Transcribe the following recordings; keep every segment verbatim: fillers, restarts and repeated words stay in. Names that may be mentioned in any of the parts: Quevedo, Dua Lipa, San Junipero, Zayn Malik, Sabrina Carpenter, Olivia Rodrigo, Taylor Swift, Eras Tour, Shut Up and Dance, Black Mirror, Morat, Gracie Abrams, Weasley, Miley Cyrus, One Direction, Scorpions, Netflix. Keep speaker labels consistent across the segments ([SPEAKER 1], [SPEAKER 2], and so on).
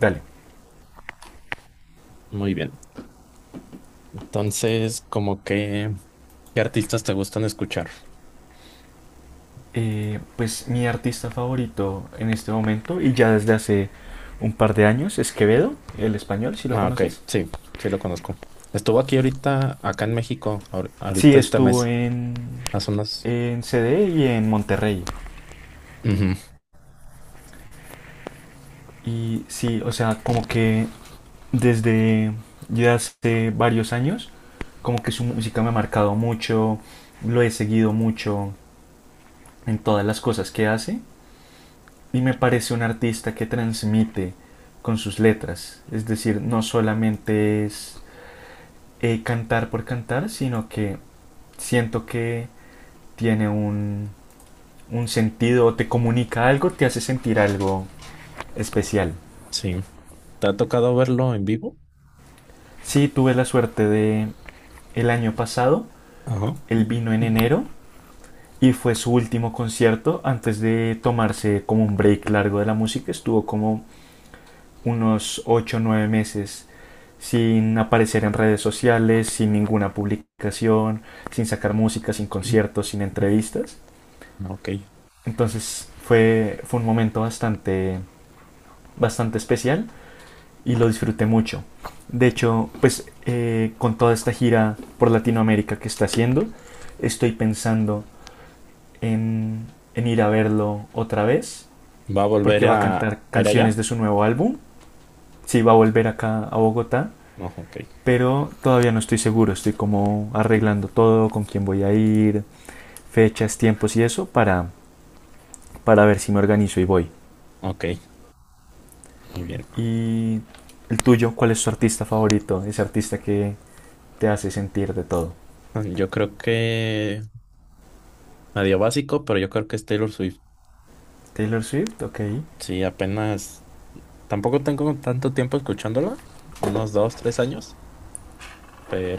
[SPEAKER 1] Dale.
[SPEAKER 2] Muy bien. Entonces, como que, ¿qué artistas te gustan escuchar?
[SPEAKER 1] Eh, pues mi artista favorito en este momento y ya desde hace un par de años es Quevedo, el español, si lo
[SPEAKER 2] Ah, ok,
[SPEAKER 1] conoces.
[SPEAKER 2] sí, sí lo conozco. Estuvo aquí ahorita, acá en México, ahor-
[SPEAKER 1] Sí,
[SPEAKER 2] ahorita este
[SPEAKER 1] estuvo
[SPEAKER 2] mes,
[SPEAKER 1] en,
[SPEAKER 2] hace unos...
[SPEAKER 1] en C D y en Monterrey.
[SPEAKER 2] Ujú,
[SPEAKER 1] Y sí, o sea, como que desde ya hace varios años, como que su música me ha marcado mucho, lo he seguido mucho en todas las cosas que hace y me parece un artista que transmite con sus letras. Es decir, no solamente es eh, cantar por cantar, sino que siento que tiene un, un sentido, te comunica algo, te hace sentir algo especial.
[SPEAKER 2] sí. ¿Te ha tocado verlo en vivo?
[SPEAKER 1] Sí, tuve la suerte de el año pasado,
[SPEAKER 2] Ajá.
[SPEAKER 1] él vino en
[SPEAKER 2] Mm.
[SPEAKER 1] enero y fue su último concierto antes de tomarse como un break largo de la música. Estuvo como unos ocho o nueve meses sin aparecer en redes sociales, sin ninguna publicación, sin sacar música, sin
[SPEAKER 2] Mm.
[SPEAKER 1] conciertos, sin entrevistas.
[SPEAKER 2] Ok.
[SPEAKER 1] Entonces fue, fue un momento bastante, bastante especial y lo disfruté mucho. De hecho, pues eh, con toda esta gira por Latinoamérica que está haciendo, estoy pensando en, en ir a verlo otra vez,
[SPEAKER 2] ¿Va a volver
[SPEAKER 1] porque va
[SPEAKER 2] a,
[SPEAKER 1] a cantar
[SPEAKER 2] a ir
[SPEAKER 1] canciones
[SPEAKER 2] allá?
[SPEAKER 1] de su nuevo álbum. Sí, va a volver acá a Bogotá,
[SPEAKER 2] No, ok,
[SPEAKER 1] pero todavía no estoy seguro. Estoy como arreglando todo, con quién voy a ir, fechas, tiempos y eso, para, para ver si me organizo y voy.
[SPEAKER 2] ok, muy bien.
[SPEAKER 1] Y el tuyo, ¿cuál es tu artista favorito? Ese artista que te hace sentir de todo.
[SPEAKER 2] Ah, yo creo que medio básico, pero yo creo que es Taylor Swift.
[SPEAKER 1] Taylor Swift, ok.
[SPEAKER 2] Sí, apenas, tampoco tengo tanto tiempo escuchándola, unos dos, tres años,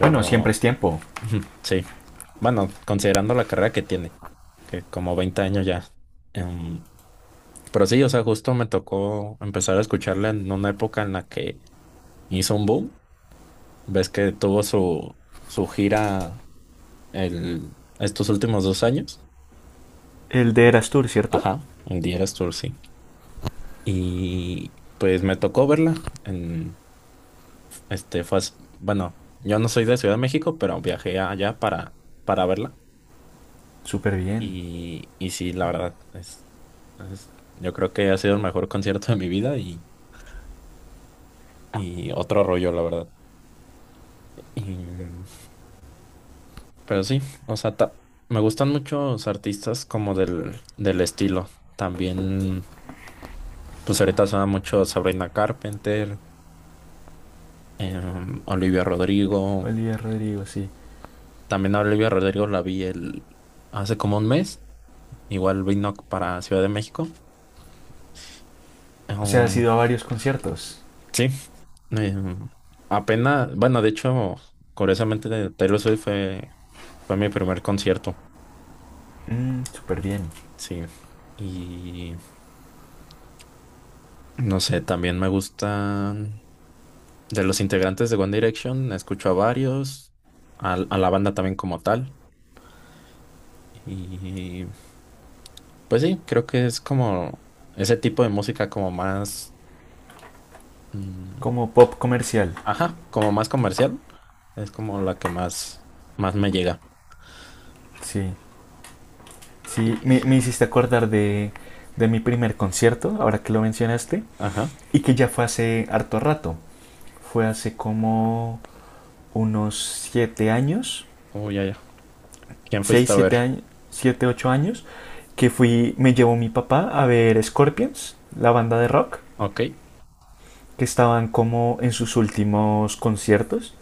[SPEAKER 1] Bueno, siempre es tiempo.
[SPEAKER 2] sí. Bueno, considerando la carrera que tiene, que como veinte años ya. Em, pero sí, o sea, justo me tocó empezar a escucharla en una época en la que hizo un boom. Ves que tuvo su, su gira el, estos últimos dos años.
[SPEAKER 1] El de
[SPEAKER 2] Y,
[SPEAKER 1] Eras Tour, ¿cierto?
[SPEAKER 2] ajá, el Eras Tour, sí. Y pues me tocó verla. En Este fue, as- bueno, yo no soy de Ciudad de México, pero viajé allá para, para verla.
[SPEAKER 1] Súper bien.
[SPEAKER 2] Y, y sí, la verdad, es, es- yo creo que ha sido el mejor concierto de mi vida y, y otro rollo, la verdad. Y, mm, pero sí, o sea, ta- me gustan muchos artistas como del, del estilo. También, pues ahorita suena mucho Sabrina Carpenter, em, Olivia Rodrigo.
[SPEAKER 1] Olivia Rodrigo, sí.
[SPEAKER 2] También a Olivia Rodrigo la vi el, hace como un mes. Igual vino para Ciudad de México.
[SPEAKER 1] O sea, has
[SPEAKER 2] Um,
[SPEAKER 1] ido a varios conciertos.
[SPEAKER 2] sí, em, apenas, bueno, de hecho, curiosamente de Taylor Swift fue, fue mi primer concierto,
[SPEAKER 1] Mm, súper bien.
[SPEAKER 2] sí. Y no sé, también me gustan de los integrantes de One Direction, escucho a varios, al- a, la banda también como tal. Y pues sí, creo que es como ese tipo de música como más, mm,
[SPEAKER 1] Como pop comercial.
[SPEAKER 2] ajá, como más comercial, es como la que más, más me llega.
[SPEAKER 1] Sí.
[SPEAKER 2] Y-
[SPEAKER 1] Sí, me, me hiciste acordar de, de mi primer concierto, ahora que lo mencionaste,
[SPEAKER 2] ajá,
[SPEAKER 1] y que ya fue hace harto rato. Fue hace como unos siete años
[SPEAKER 2] oh, ya, ya. ¿Quién
[SPEAKER 1] seis
[SPEAKER 2] fuiste a
[SPEAKER 1] siete
[SPEAKER 2] ver?
[SPEAKER 1] años, siete, ocho años, que fui, me llevó mi papá a ver Scorpions, la banda de rock,
[SPEAKER 2] Ok.
[SPEAKER 1] que estaban como en sus últimos conciertos.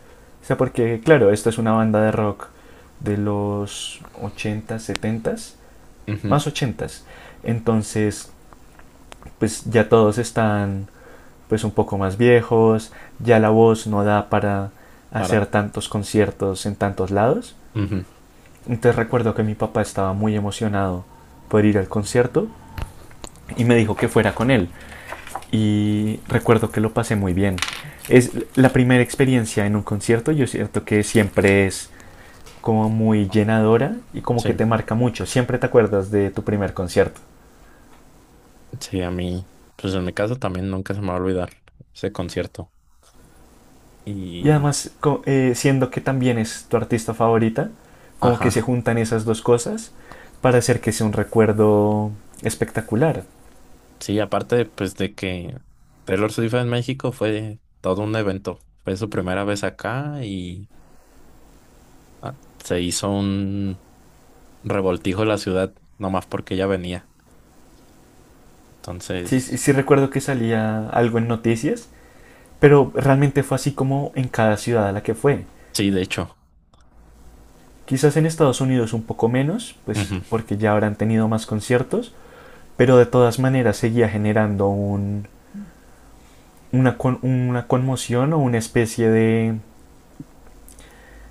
[SPEAKER 1] O sea, porque claro, esta es una banda de rock de los ochentas setentas
[SPEAKER 2] Ujú.
[SPEAKER 1] más ochentas. Entonces, pues ya todos están pues un poco más viejos, ya la voz no da para
[SPEAKER 2] Para.
[SPEAKER 1] hacer tantos conciertos en tantos lados.
[SPEAKER 2] Ujú.
[SPEAKER 1] Entonces recuerdo que mi papá estaba muy emocionado por ir al concierto y me dijo que fuera con él. Y recuerdo que lo pasé muy bien. Es la primera experiencia en un concierto, yo siento que siempre es como muy llenadora y como que
[SPEAKER 2] Sí.
[SPEAKER 1] te marca mucho. Siempre te acuerdas de tu primer concierto.
[SPEAKER 2] Sí, a mí. Pues en mi caso también nunca se me va a olvidar ese concierto.
[SPEAKER 1] Y
[SPEAKER 2] Y.
[SPEAKER 1] además, eh, siendo que también es tu artista favorita, como que se
[SPEAKER 2] Ajá.
[SPEAKER 1] juntan esas dos cosas para hacer que sea un recuerdo espectacular.
[SPEAKER 2] Sí, aparte, pues de que Taylor Swift en México fue todo un evento. Fue su primera vez acá y ah, se hizo un revoltijo en la ciudad, nomás porque ella venía.
[SPEAKER 1] Sí, sí,
[SPEAKER 2] Entonces,
[SPEAKER 1] sí recuerdo que salía algo en noticias. Pero realmente fue así como en cada ciudad a la que fue.
[SPEAKER 2] sí, de hecho.
[SPEAKER 1] Quizás en Estados Unidos un poco menos, pues
[SPEAKER 2] Ujú.
[SPEAKER 1] porque ya habrán tenido más conciertos, pero de todas maneras seguía generando un, una, con, una conmoción o una especie de,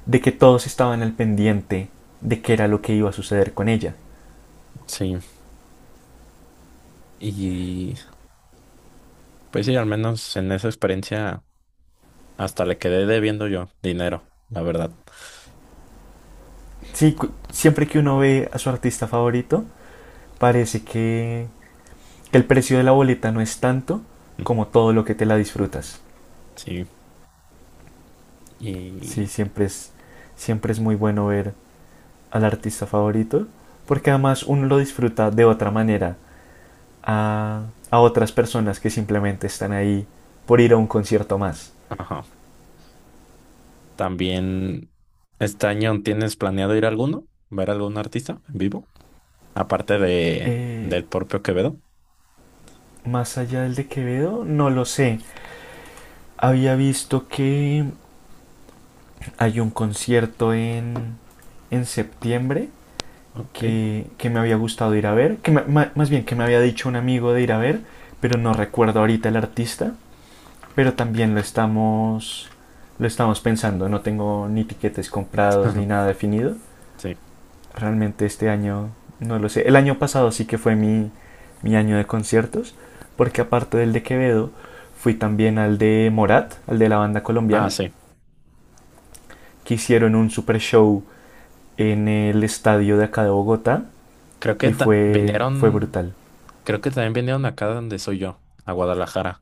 [SPEAKER 1] de que todos estaban al pendiente de qué era lo que iba a suceder con ella.
[SPEAKER 2] Sí. Y pues sí, al menos en esa experiencia. Hasta le quedé debiendo yo dinero, la verdad.
[SPEAKER 1] Sí, siempre que uno ve a su artista favorito, parece que, que el precio de la boleta no es tanto como todo lo que te la disfrutas.
[SPEAKER 2] Sí.
[SPEAKER 1] Sí,
[SPEAKER 2] Y,
[SPEAKER 1] siempre es, siempre es muy bueno ver al artista favorito, porque además uno lo disfruta de otra manera a, a otras personas que simplemente están ahí por ir a un concierto más.
[SPEAKER 2] ajá. También, ¿este año tienes planeado ir a alguno? ¿Ver algún artista en vivo? Aparte de,
[SPEAKER 1] Eh,
[SPEAKER 2] del propio Quevedo.
[SPEAKER 1] Más allá del de Quevedo, no lo sé. Había visto que hay un concierto en, en septiembre
[SPEAKER 2] Ok.
[SPEAKER 1] que, que me había gustado ir a ver, que me- más bien que me había dicho un amigo de ir a ver, pero no recuerdo ahorita el artista. Pero también lo estamos, lo estamos pensando. No tengo ni tiquetes comprados ni nada definido.
[SPEAKER 2] Sí.
[SPEAKER 1] Realmente este año no lo sé. El año pasado sí que fue mi, mi año de conciertos, porque aparte del de Quevedo, fui también al de Morat, al de la banda
[SPEAKER 2] Ah,
[SPEAKER 1] colombiana,
[SPEAKER 2] sí.
[SPEAKER 1] que hicieron un super show en el estadio de acá de Bogotá
[SPEAKER 2] Creo que
[SPEAKER 1] y
[SPEAKER 2] ta-
[SPEAKER 1] fue, fue
[SPEAKER 2] vinieron,
[SPEAKER 1] brutal.
[SPEAKER 2] creo que también vinieron acá donde soy yo, a Guadalajara.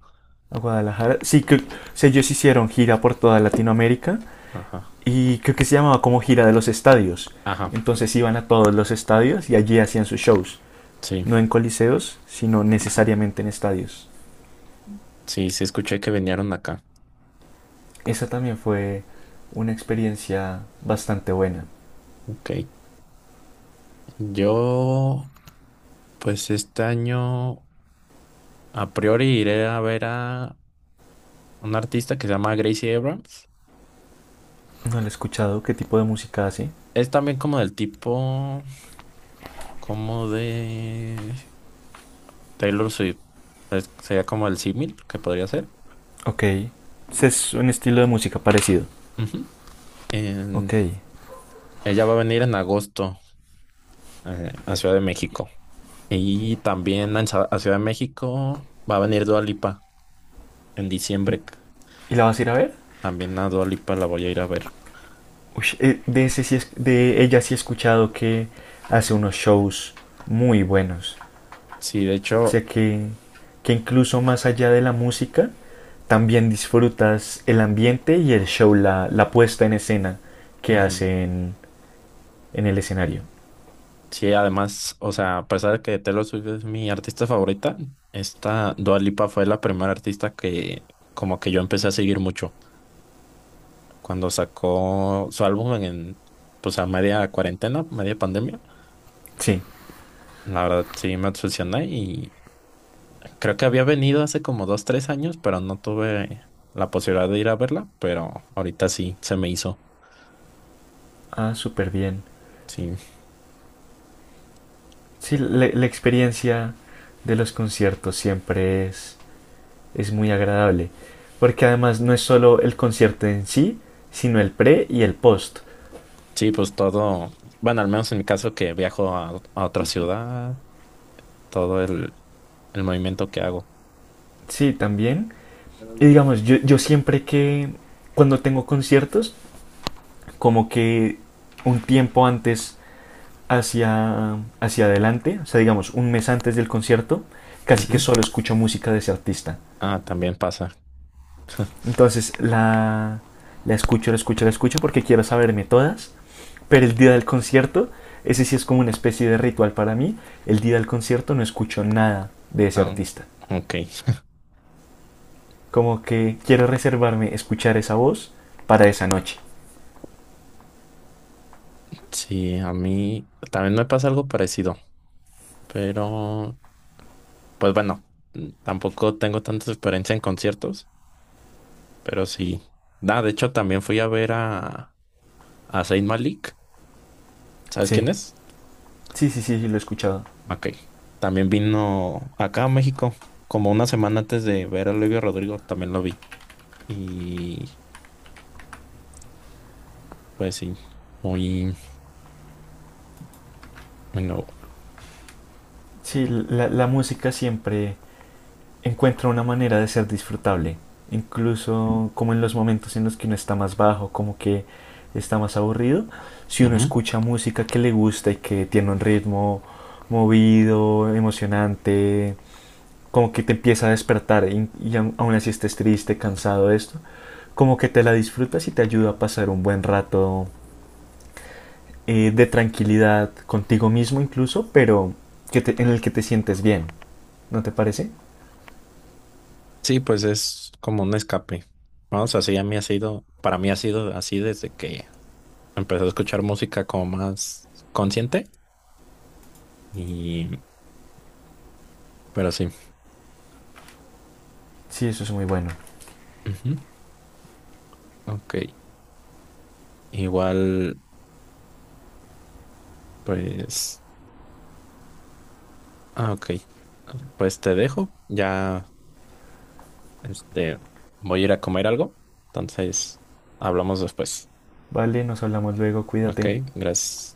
[SPEAKER 1] A Guadalajara, sí que o sea, ellos hicieron gira por toda Latinoamérica
[SPEAKER 2] Ajá.
[SPEAKER 1] y creo que se llamaba como gira de los estadios.
[SPEAKER 2] Ajá.
[SPEAKER 1] Entonces iban a todos los estadios y allí hacían sus shows.
[SPEAKER 2] Sí.
[SPEAKER 1] No en coliseos, sino necesariamente en estadios.
[SPEAKER 2] Sí, sí, escuché que vinieron acá.
[SPEAKER 1] Esa también fue una experiencia bastante buena.
[SPEAKER 2] Ok. Yo, pues este año, a priori iré a ver a un artista que se llama Gracie Abrams.
[SPEAKER 1] No la he escuchado. ¿Qué tipo de música hace?
[SPEAKER 2] Es también como del tipo, como de Taylor Swift. Es- sería como el símil que podría ser.
[SPEAKER 1] Ok. Es un estilo de música parecido.
[SPEAKER 2] Ujú. En-
[SPEAKER 1] Ok.
[SPEAKER 2] Ella va a venir en agosto, eh, a Ciudad de México. Y también en Sa- a Ciudad de México va a venir Dua Lipa en diciembre.
[SPEAKER 1] ¿Y la vas a ir a ver?
[SPEAKER 2] También a Dua Lipa la voy a ir a ver.
[SPEAKER 1] Uy, eh, de, ese sí es- de ella sí he escuchado que hace unos shows muy buenos.
[SPEAKER 2] Sí, de hecho.
[SPEAKER 1] Sé que, que incluso más allá de la música, también disfrutas el ambiente y el show, la, la puesta en escena que
[SPEAKER 2] Ujú.
[SPEAKER 1] hacen en el escenario.
[SPEAKER 2] Sí, además, o sea, a pesar de que Taylor Swift es mi artista favorita, esta Dua Lipa fue la primera artista que como que yo empecé a seguir mucho. Cuando sacó su álbum en, pues a media cuarentena, media pandemia,
[SPEAKER 1] Sí.
[SPEAKER 2] la verdad sí me obsesioné y creo que había venido hace como dos, tres años, pero no tuve la posibilidad de ir a verla, pero ahorita sí se me hizo.
[SPEAKER 1] Ah, súper bien.
[SPEAKER 2] Sí,
[SPEAKER 1] Sí, la, la experiencia de los conciertos siempre es, es muy agradable. Porque además no es solo el concierto en sí, sino el pre y el post.
[SPEAKER 2] sí, pues todo, bueno, al menos en mi caso que viajo a, a otra ciudad, todo el el movimiento que hago.
[SPEAKER 1] Sí, también. Y digamos, yo, yo siempre que cuando tengo conciertos, como que un tiempo antes hacia, hacia adelante, o sea, digamos, un mes antes del concierto, casi que
[SPEAKER 2] Ujú.
[SPEAKER 1] solo escucho música de ese artista.
[SPEAKER 2] Ah, también pasa.
[SPEAKER 1] Entonces la, la escucho, la escucho, la escucho porque quiero saberme todas, pero el día del concierto, ese sí es como una especie de ritual para mí, el día del concierto no escucho nada de ese
[SPEAKER 2] Ah,
[SPEAKER 1] artista.
[SPEAKER 2] ok.
[SPEAKER 1] Como que quiero reservarme escuchar esa voz para esa noche.
[SPEAKER 2] Sí, a mí también me pasa algo parecido, pero pues bueno, mm, tampoco tengo tanta experiencia en conciertos, pero sí. Ah, de hecho, también fui a ver a, a Zayn Malik. ¿Sabes
[SPEAKER 1] Sí,
[SPEAKER 2] quién es?
[SPEAKER 1] sí, sí, sí, sí, lo he escuchado.
[SPEAKER 2] Ok. También vino acá a México, como una semana antes de ver a Olivia Rodrigo, también lo vi. Y pues sí, muy, muy
[SPEAKER 1] Sí, la, la música siempre encuentra una manera de ser disfrutable, incluso como en los momentos en los que uno está más bajo, como que está más aburrido, si uno
[SPEAKER 2] nuevo.
[SPEAKER 1] escucha música que le gusta y que tiene un ritmo movido, emocionante, como que te empieza a despertar y, y aún así estés triste, cansado de esto, como que te la disfrutas y te ayuda a pasar un buen rato eh, de tranquilidad contigo mismo incluso, pero que te- en el que te sientes bien, ¿no te parece?
[SPEAKER 2] Sí, pues es como un escape. Vamos, así a mí ha sido, para mí ha sido así desde que empecé a escuchar música como más consciente y, pero sí.
[SPEAKER 1] Sí, eso es muy bueno.
[SPEAKER 2] Ujú. Ok. Igual, pues, ah, ok. Pues te dejo. Ya, este, voy a ir a comer algo. Entonces, hablamos después.
[SPEAKER 1] Vale, nos hablamos luego,
[SPEAKER 2] Ok,
[SPEAKER 1] cuídate.
[SPEAKER 2] gracias.